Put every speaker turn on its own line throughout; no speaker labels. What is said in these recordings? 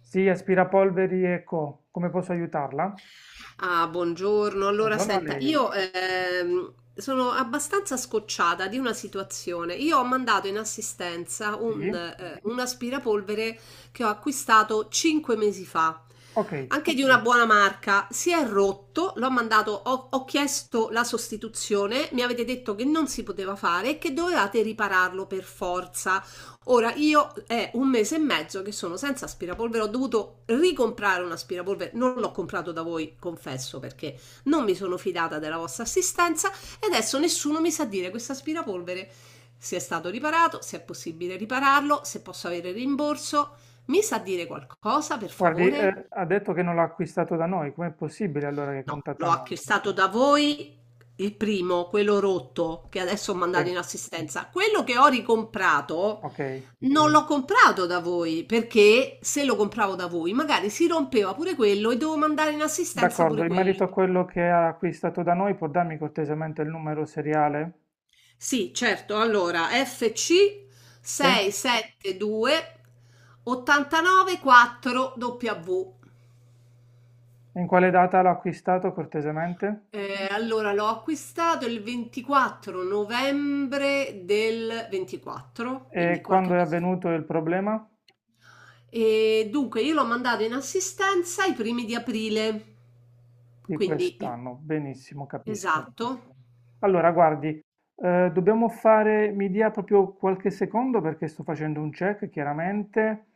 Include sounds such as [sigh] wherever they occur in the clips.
Sì, aspirapolveri e co. Come posso aiutarla?
Ah, buongiorno. Allora,
Buongiorno a
senta,
lei.
io sono abbastanza scocciata di una situazione. Io ho mandato in assistenza un,
Sì?
eh, un aspirapolvere che ho acquistato 5 mesi fa,
Ok.
anche di una, ok, buona marca. Si è rotto, l'ho mandato, ho chiesto la sostituzione, mi avete detto che non si poteva fare e che dovevate ripararlo per forza. Ora io è un mese e mezzo che sono senza aspirapolvere, ho dovuto ricomprare un aspirapolvere, non l'ho comprato da voi, confesso, perché non mi sono fidata della vostra assistenza e adesso nessuno mi sa dire questo aspirapolvere se è stato riparato, se è possibile ripararlo, se posso avere rimborso. Mi sa dire qualcosa, per
Guardi,
favore?
ha detto che non l'ha acquistato da noi. Com'è possibile allora che
L'ho
contatta noi?
acquistato da voi, il primo, quello rotto, che adesso ho
Sì,
mandato in assistenza. Quello che ho ricomprato
ok.
non l'ho comprato da voi, perché se lo compravo da voi, magari si rompeva pure quello e devo mandare in assistenza
D'accordo.
pure
In
quello.
merito a quello che ha acquistato da noi, può darmi cortesemente il numero seriale?
Sì, certo. Allora, FC
Sì?
672 89 4 W.
In quale data l'ha acquistato cortesemente?
Allora l'ho acquistato il 24 novembre del 24, quindi
E
qualche
quando è
mese fa.
avvenuto il problema?
E dunque io l'ho mandato in assistenza i primi di aprile.
Di
Quindi il-
quest'anno. Benissimo, capisco.
esatto.
Allora, guardi, dobbiamo fare, mi dia proprio qualche secondo perché sto facendo un check, chiaramente.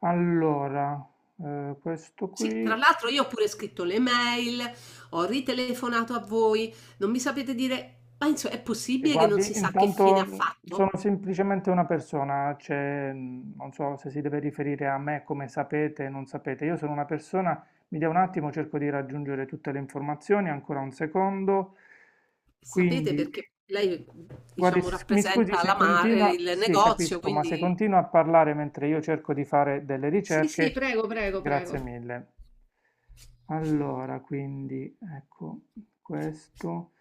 Allora, questo
Sì, tra
qui,
l'altro io ho pure scritto le mail, ho ritelefonato a voi, non mi sapete dire, ma insomma, è
e
possibile che non
guardi,
si sa che fine
intanto,
ha fatto?
sono semplicemente una persona, cioè, non so se si deve riferire a me come sapete, non sapete, io sono una persona, mi dia un attimo, cerco di raggiungere tutte le informazioni, ancora un secondo.
Sapete
Quindi
perché lei,
Guardi,
diciamo,
mi scusi
rappresenta
se continua,
il
sì,
negozio,
capisco, ma
quindi.
se continua a parlare mentre io cerco di fare delle
Sì, sì,
ricerche,
prego, prego,
grazie
prego.
mille. Allora, quindi, ecco, questo,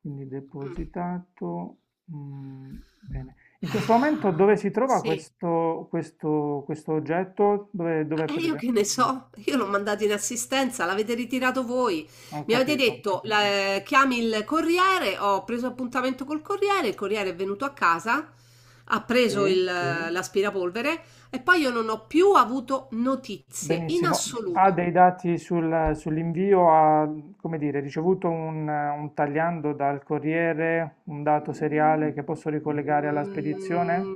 quindi
Mm.
depositato, mm, bene. In questo momento dove si trova
Sì,
questo oggetto? Dove è
e io che
presente?
ne so, io l'ho mandato in assistenza, l'avete ritirato voi.
Non ho
Mi avete
capito.
detto, chiami il corriere, ho preso appuntamento col corriere, il corriere è venuto a casa, ha preso
Sì.
l'aspirapolvere e poi io non ho più avuto notizie in
Benissimo, ha
assoluto.
dei dati sull'invio, ha, come dire, ricevuto un tagliando dal corriere, un dato
Mm.
seriale che posso ricollegare alla spedizione?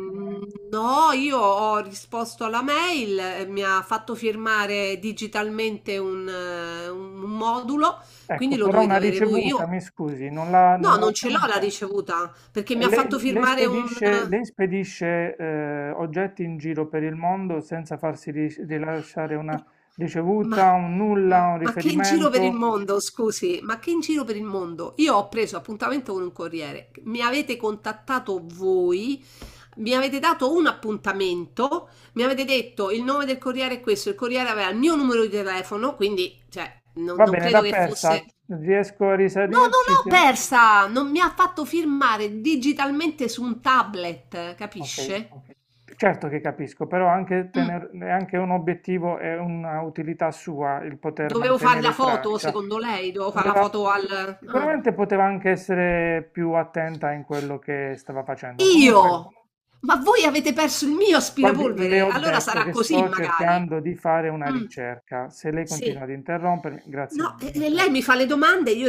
No, io ho risposto alla mail, mi ha fatto firmare digitalmente un modulo,
Ecco,
quindi lo
però
dovete
una
avere voi. Io
ricevuta, mi
[laughs]
scusi, non l'ha
no,
non l'ha
non ce l'ho la
ottenuta.
ricevuta perché mi ha fatto
Lei
firmare un...
spedisce, oggetti in giro per il mondo senza farsi rilasciare una
Ma
ricevuta, un nulla, un
ma che in giro per il
riferimento?
mondo, scusi, ma che in giro per il mondo? Io ho preso appuntamento con un corriere, mi avete contattato voi, mi avete dato un appuntamento, mi avete detto il nome del corriere è questo, il corriere aveva il mio numero di telefono, quindi cioè, non,
Va
non
bene, l'ha
credo che
persa,
fosse...
riesco a
No, non
risalirci?
l'ho persa! Non mi ha fatto firmare digitalmente su un tablet,
Ok,
capisce?
certo che capisco, però anche
Mm.
è anche un obiettivo e una utilità sua il poter
Dovevo fare la
mantenere
foto,
traccia.
secondo lei? Dovevo fare la
Doveva-
foto al... Ah.
Sicuramente poteva anche essere più attenta in quello che stava facendo. Comunque,
Io? Ma voi avete perso il mio
guardi, le
aspirapolvere?
ho
Allora
detto
sarà
che
così,
sto
magari.
cercando di fare una
Mm,
ricerca. Se lei continua
sì.
ad interrompermi, grazie
No,
mille.
e lei mi
Perfetto.
fa le domande e io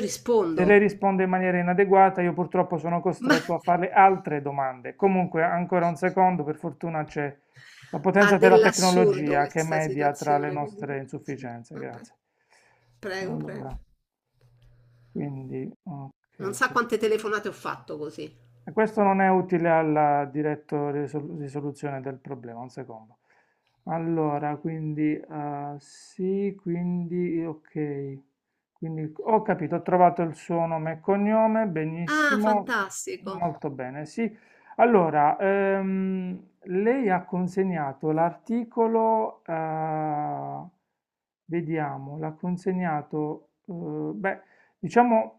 Se lei
rispondo.
risponde in maniera inadeguata, io purtroppo sono
Ma [laughs]
costretto a farle altre domande. Comunque, ancora un secondo, per fortuna c'è la
ha
potenza della
dell'assurdo
tecnologia che
questa
media tra le
situazione comunque.
nostre
Sì,
insufficienze.
vabbè.
Grazie.
Prego,
Allora,
prego.
quindi,
Non
ok.
sa quante telefonate ho fatto così.
E questo non è utile alla diretta risoluzione del problema, un secondo. Allora, quindi, sì, quindi ok. Quindi ho capito, ho trovato il suo nome e cognome,
Ah,
benissimo,
fantastico.
molto bene, sì. Allora, lei ha consegnato l'articolo, vediamo, l'ha consegnato, beh, diciamo...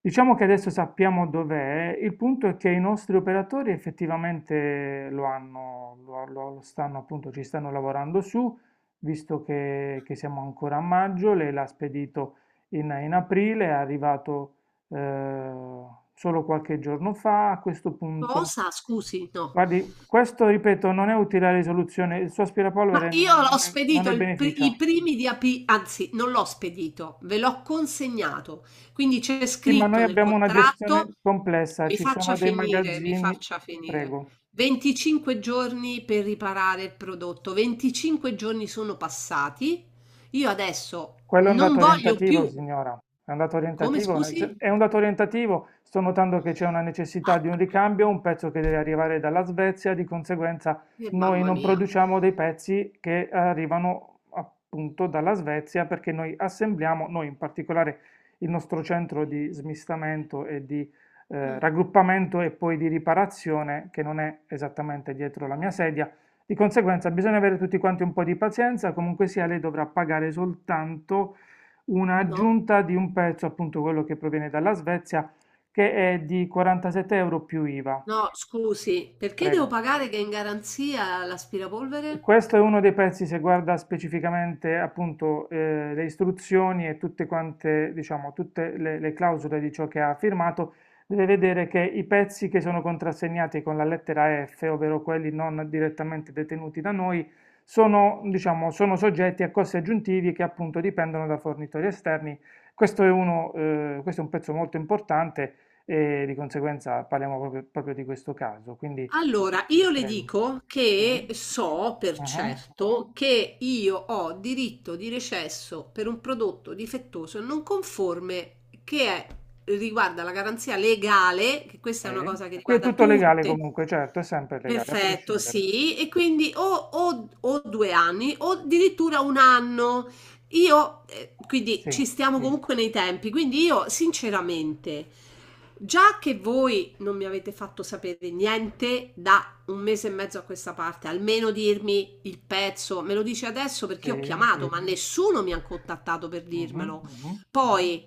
Diciamo che adesso sappiamo dov'è, il punto è che i nostri operatori effettivamente lo hanno, lo stanno appunto, ci stanno lavorando su, visto che siamo ancora a maggio, lei l'ha spedito in aprile, è arrivato eh, solo qualche giorno fa, a questo punto,
Cosa? Scusi, no.
guardi, questo ripeto non è utile la risoluzione, il suo
Ma
aspirapolvere
io
non, non
l'ho
ne non
spedito
ne
i
beneficia.
primi di aprile, anzi, non l'ho spedito, ve l'ho consegnato. Quindi c'è
Sì, ma noi
scritto nel
abbiamo una gestione
contratto,
complessa,
mi
ci
faccia
sono dei
finire, mi
magazzini,
faccia
prego.
finire. 25 giorni per riparare il prodotto. 25 giorni sono passati. Io adesso
Quello è un
non
dato
voglio
orientativo,
più.
signora. È un dato
Come
orientativo,
scusi?
è un dato orientativo. Sto notando che c'è una necessità
Ah,
di un ricambio, un pezzo che deve arrivare dalla Svezia, di conseguenza noi
mamma
non
mia.
produciamo dei pezzi che arrivano appunto dalla Svezia perché noi assembliamo, noi in particolare il nostro centro di smistamento e di
Ah.
raggruppamento e poi di riparazione, che non è esattamente dietro la mia sedia, di conseguenza bisogna avere tutti quanti un po' di pazienza, comunque sia lei dovrà pagare soltanto
No.
un'aggiunta di un pezzo, appunto quello che proviene dalla Svezia, che è di 47 euro più IVA.
No, scusi, perché devo
Prego.
pagare che è in garanzia l'aspirapolvere?
Questo è uno dei pezzi, se guarda specificamente appunto le istruzioni e tutte quante, diciamo, tutte le clausole di ciò che ha firmato, deve vedere che i pezzi che sono contrassegnati con la lettera F, ovvero quelli non direttamente detenuti da noi, sono, diciamo, sono soggetti a costi aggiuntivi che appunto dipendono da fornitori esterni. Questo è un pezzo molto importante e di conseguenza parliamo proprio, proprio di questo caso. Quindi
Allora, io le
prego.
dico che
Sì.
so per
Uh-huh.
certo che io ho diritto di recesso per un prodotto difettoso non conforme che è- riguarda la garanzia legale, che questa è una
Sì.
cosa che
Qui è
riguarda
tutto legale
tutte. [laughs]
comunque, certo, è sempre legale, a
Perfetto,
prescindere.
sì, e quindi o, o due anni o addirittura un anno. Io, quindi
Sì,
ci stiamo comunque nei tempi, quindi io sinceramente. Già che voi non mi avete fatto sapere niente da un mese e mezzo a questa parte, almeno dirmi il pezzo, me lo dici adesso perché io ho
sì.
chiamato, ma nessuno mi ha contattato per
Mhm,
dirmelo.
mhm.
Poi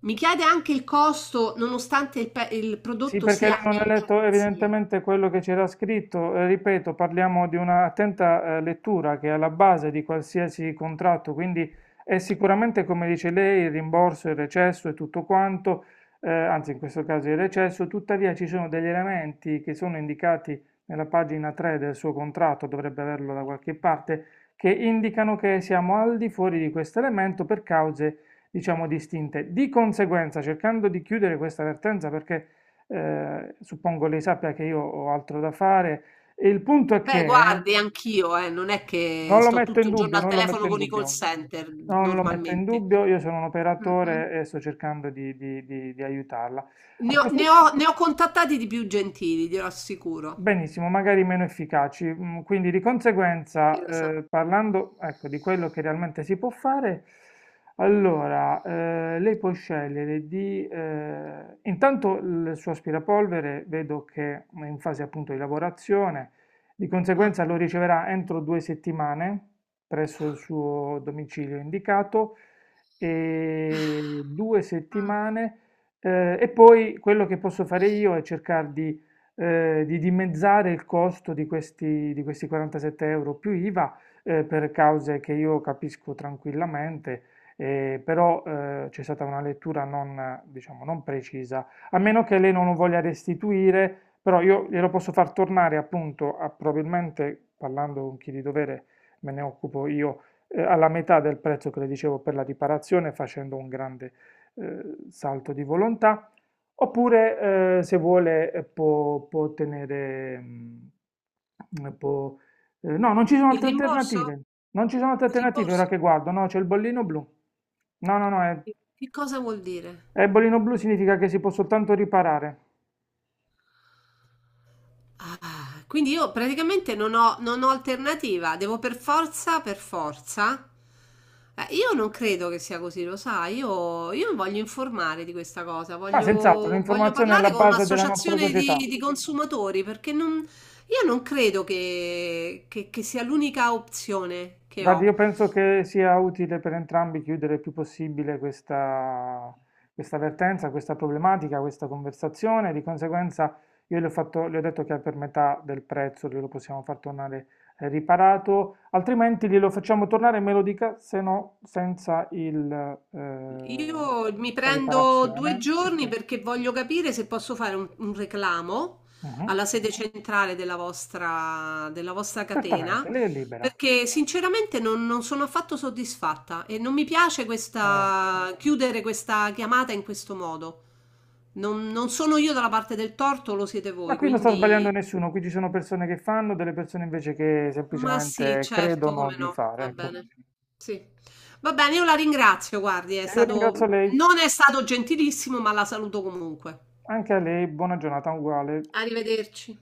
mi chiede anche il costo, nonostante il
Sì,
prodotto
perché lei
sia
non ha
in
letto
garanzia.
evidentemente quello che c'era scritto. Ripeto, parliamo di un'attenta lettura che è alla base di qualsiasi contratto, quindi è sicuramente, come dice lei, il rimborso, il recesso e tutto quanto, anzi in questo caso il recesso, tuttavia ci sono degli elementi che sono indicati nella pagina 3 del suo contratto, dovrebbe averlo da qualche parte, che indicano che siamo al di fuori di questo elemento per cause, diciamo, distinte. Di conseguenza, cercando di chiudere questa vertenza perché suppongo lei sappia che io ho altro da fare. E il punto è
Beh,
che
guardi, anch'io, non è che
non lo
sto
metto in
tutto il giorno
dubbio,
al
non lo metto
telefono
in
con i call
dubbio,
center
non lo metto in
normalmente.
dubbio, io sono un
Mm-mm.
operatore e sto cercando di aiutarla. A questi-
Ne ho contattati di più gentili, glielo assicuro.
Benissimo, magari meno efficaci. Quindi di
Chi
conseguenza,
lo sa?
parlando, ecco, di quello che realmente si può fare, allora, lei può scegliere di... intanto il suo aspirapolvere vedo che è in fase appunto di lavorazione, di
Ah.
conseguenza lo riceverà entro 2 settimane presso il suo domicilio indicato e due
Mh.
settimane... E poi quello che posso fare io è cercare di dimezzare il costo di questi 47 euro più IVA, per cause che io capisco tranquillamente, però c'è stata una lettura non, diciamo, non precisa, a meno che lei non lo voglia restituire, però io glielo posso far tornare appunto, probabilmente parlando con chi di dovere me ne occupo io, alla metà del prezzo che le dicevo per la riparazione, facendo un grande salto di volontà. Oppure, se vuole, può tenere... no, non ci sono
Il
altre
rimborso?
alternative. Non ci sono altre
Il
alternative ora
rimborso?
che guardo. No, c'è il bollino blu. No, no, no,
Che cosa vuol dire?
è il bollino blu significa che si può soltanto riparare.
Ah, quindi io praticamente non ho alternativa, devo per forza per forza? Io non credo che sia così, lo sai, io mi voglio informare di questa cosa,
Ma senz'altro, è
voglio
un'informazione alla
parlare con
base della nostra
un'associazione
società.
di consumatori, perché non io non credo che sia l'unica opzione che
Guardi,
ho.
io penso che sia utile per entrambi chiudere il più possibile questa vertenza, questa problematica, questa conversazione. Di conseguenza, io le ho fatto- le ho detto che è per metà del prezzo glielo possiamo far tornare riparato, altrimenti glielo facciamo tornare, me lo dica, se no senza
Io mi
la
prendo due
riparazione.
giorni perché voglio capire se posso fare un reclamo
Mhm.
alla sede centrale della vostra catena,
Certamente, lei è libera.
perché sinceramente non sono affatto soddisfatta e non mi piace
Eh,
chiudere questa chiamata in questo modo. Non sono io dalla parte del torto, lo siete
Ma
voi,
qui non sta sbagliando
quindi
nessuno, qui ci sono persone che fanno, delle persone invece che
ma sì,
semplicemente
certo,
credono
come
di
no,
fare,
va
ecco.
bene. Sì. Va bene, io la ringrazio, guardi, è
E io
stato,
ringrazio lei,
non è stato gentilissimo, ma la saluto comunque.
anche a lei, buona giornata uguale.
Arrivederci.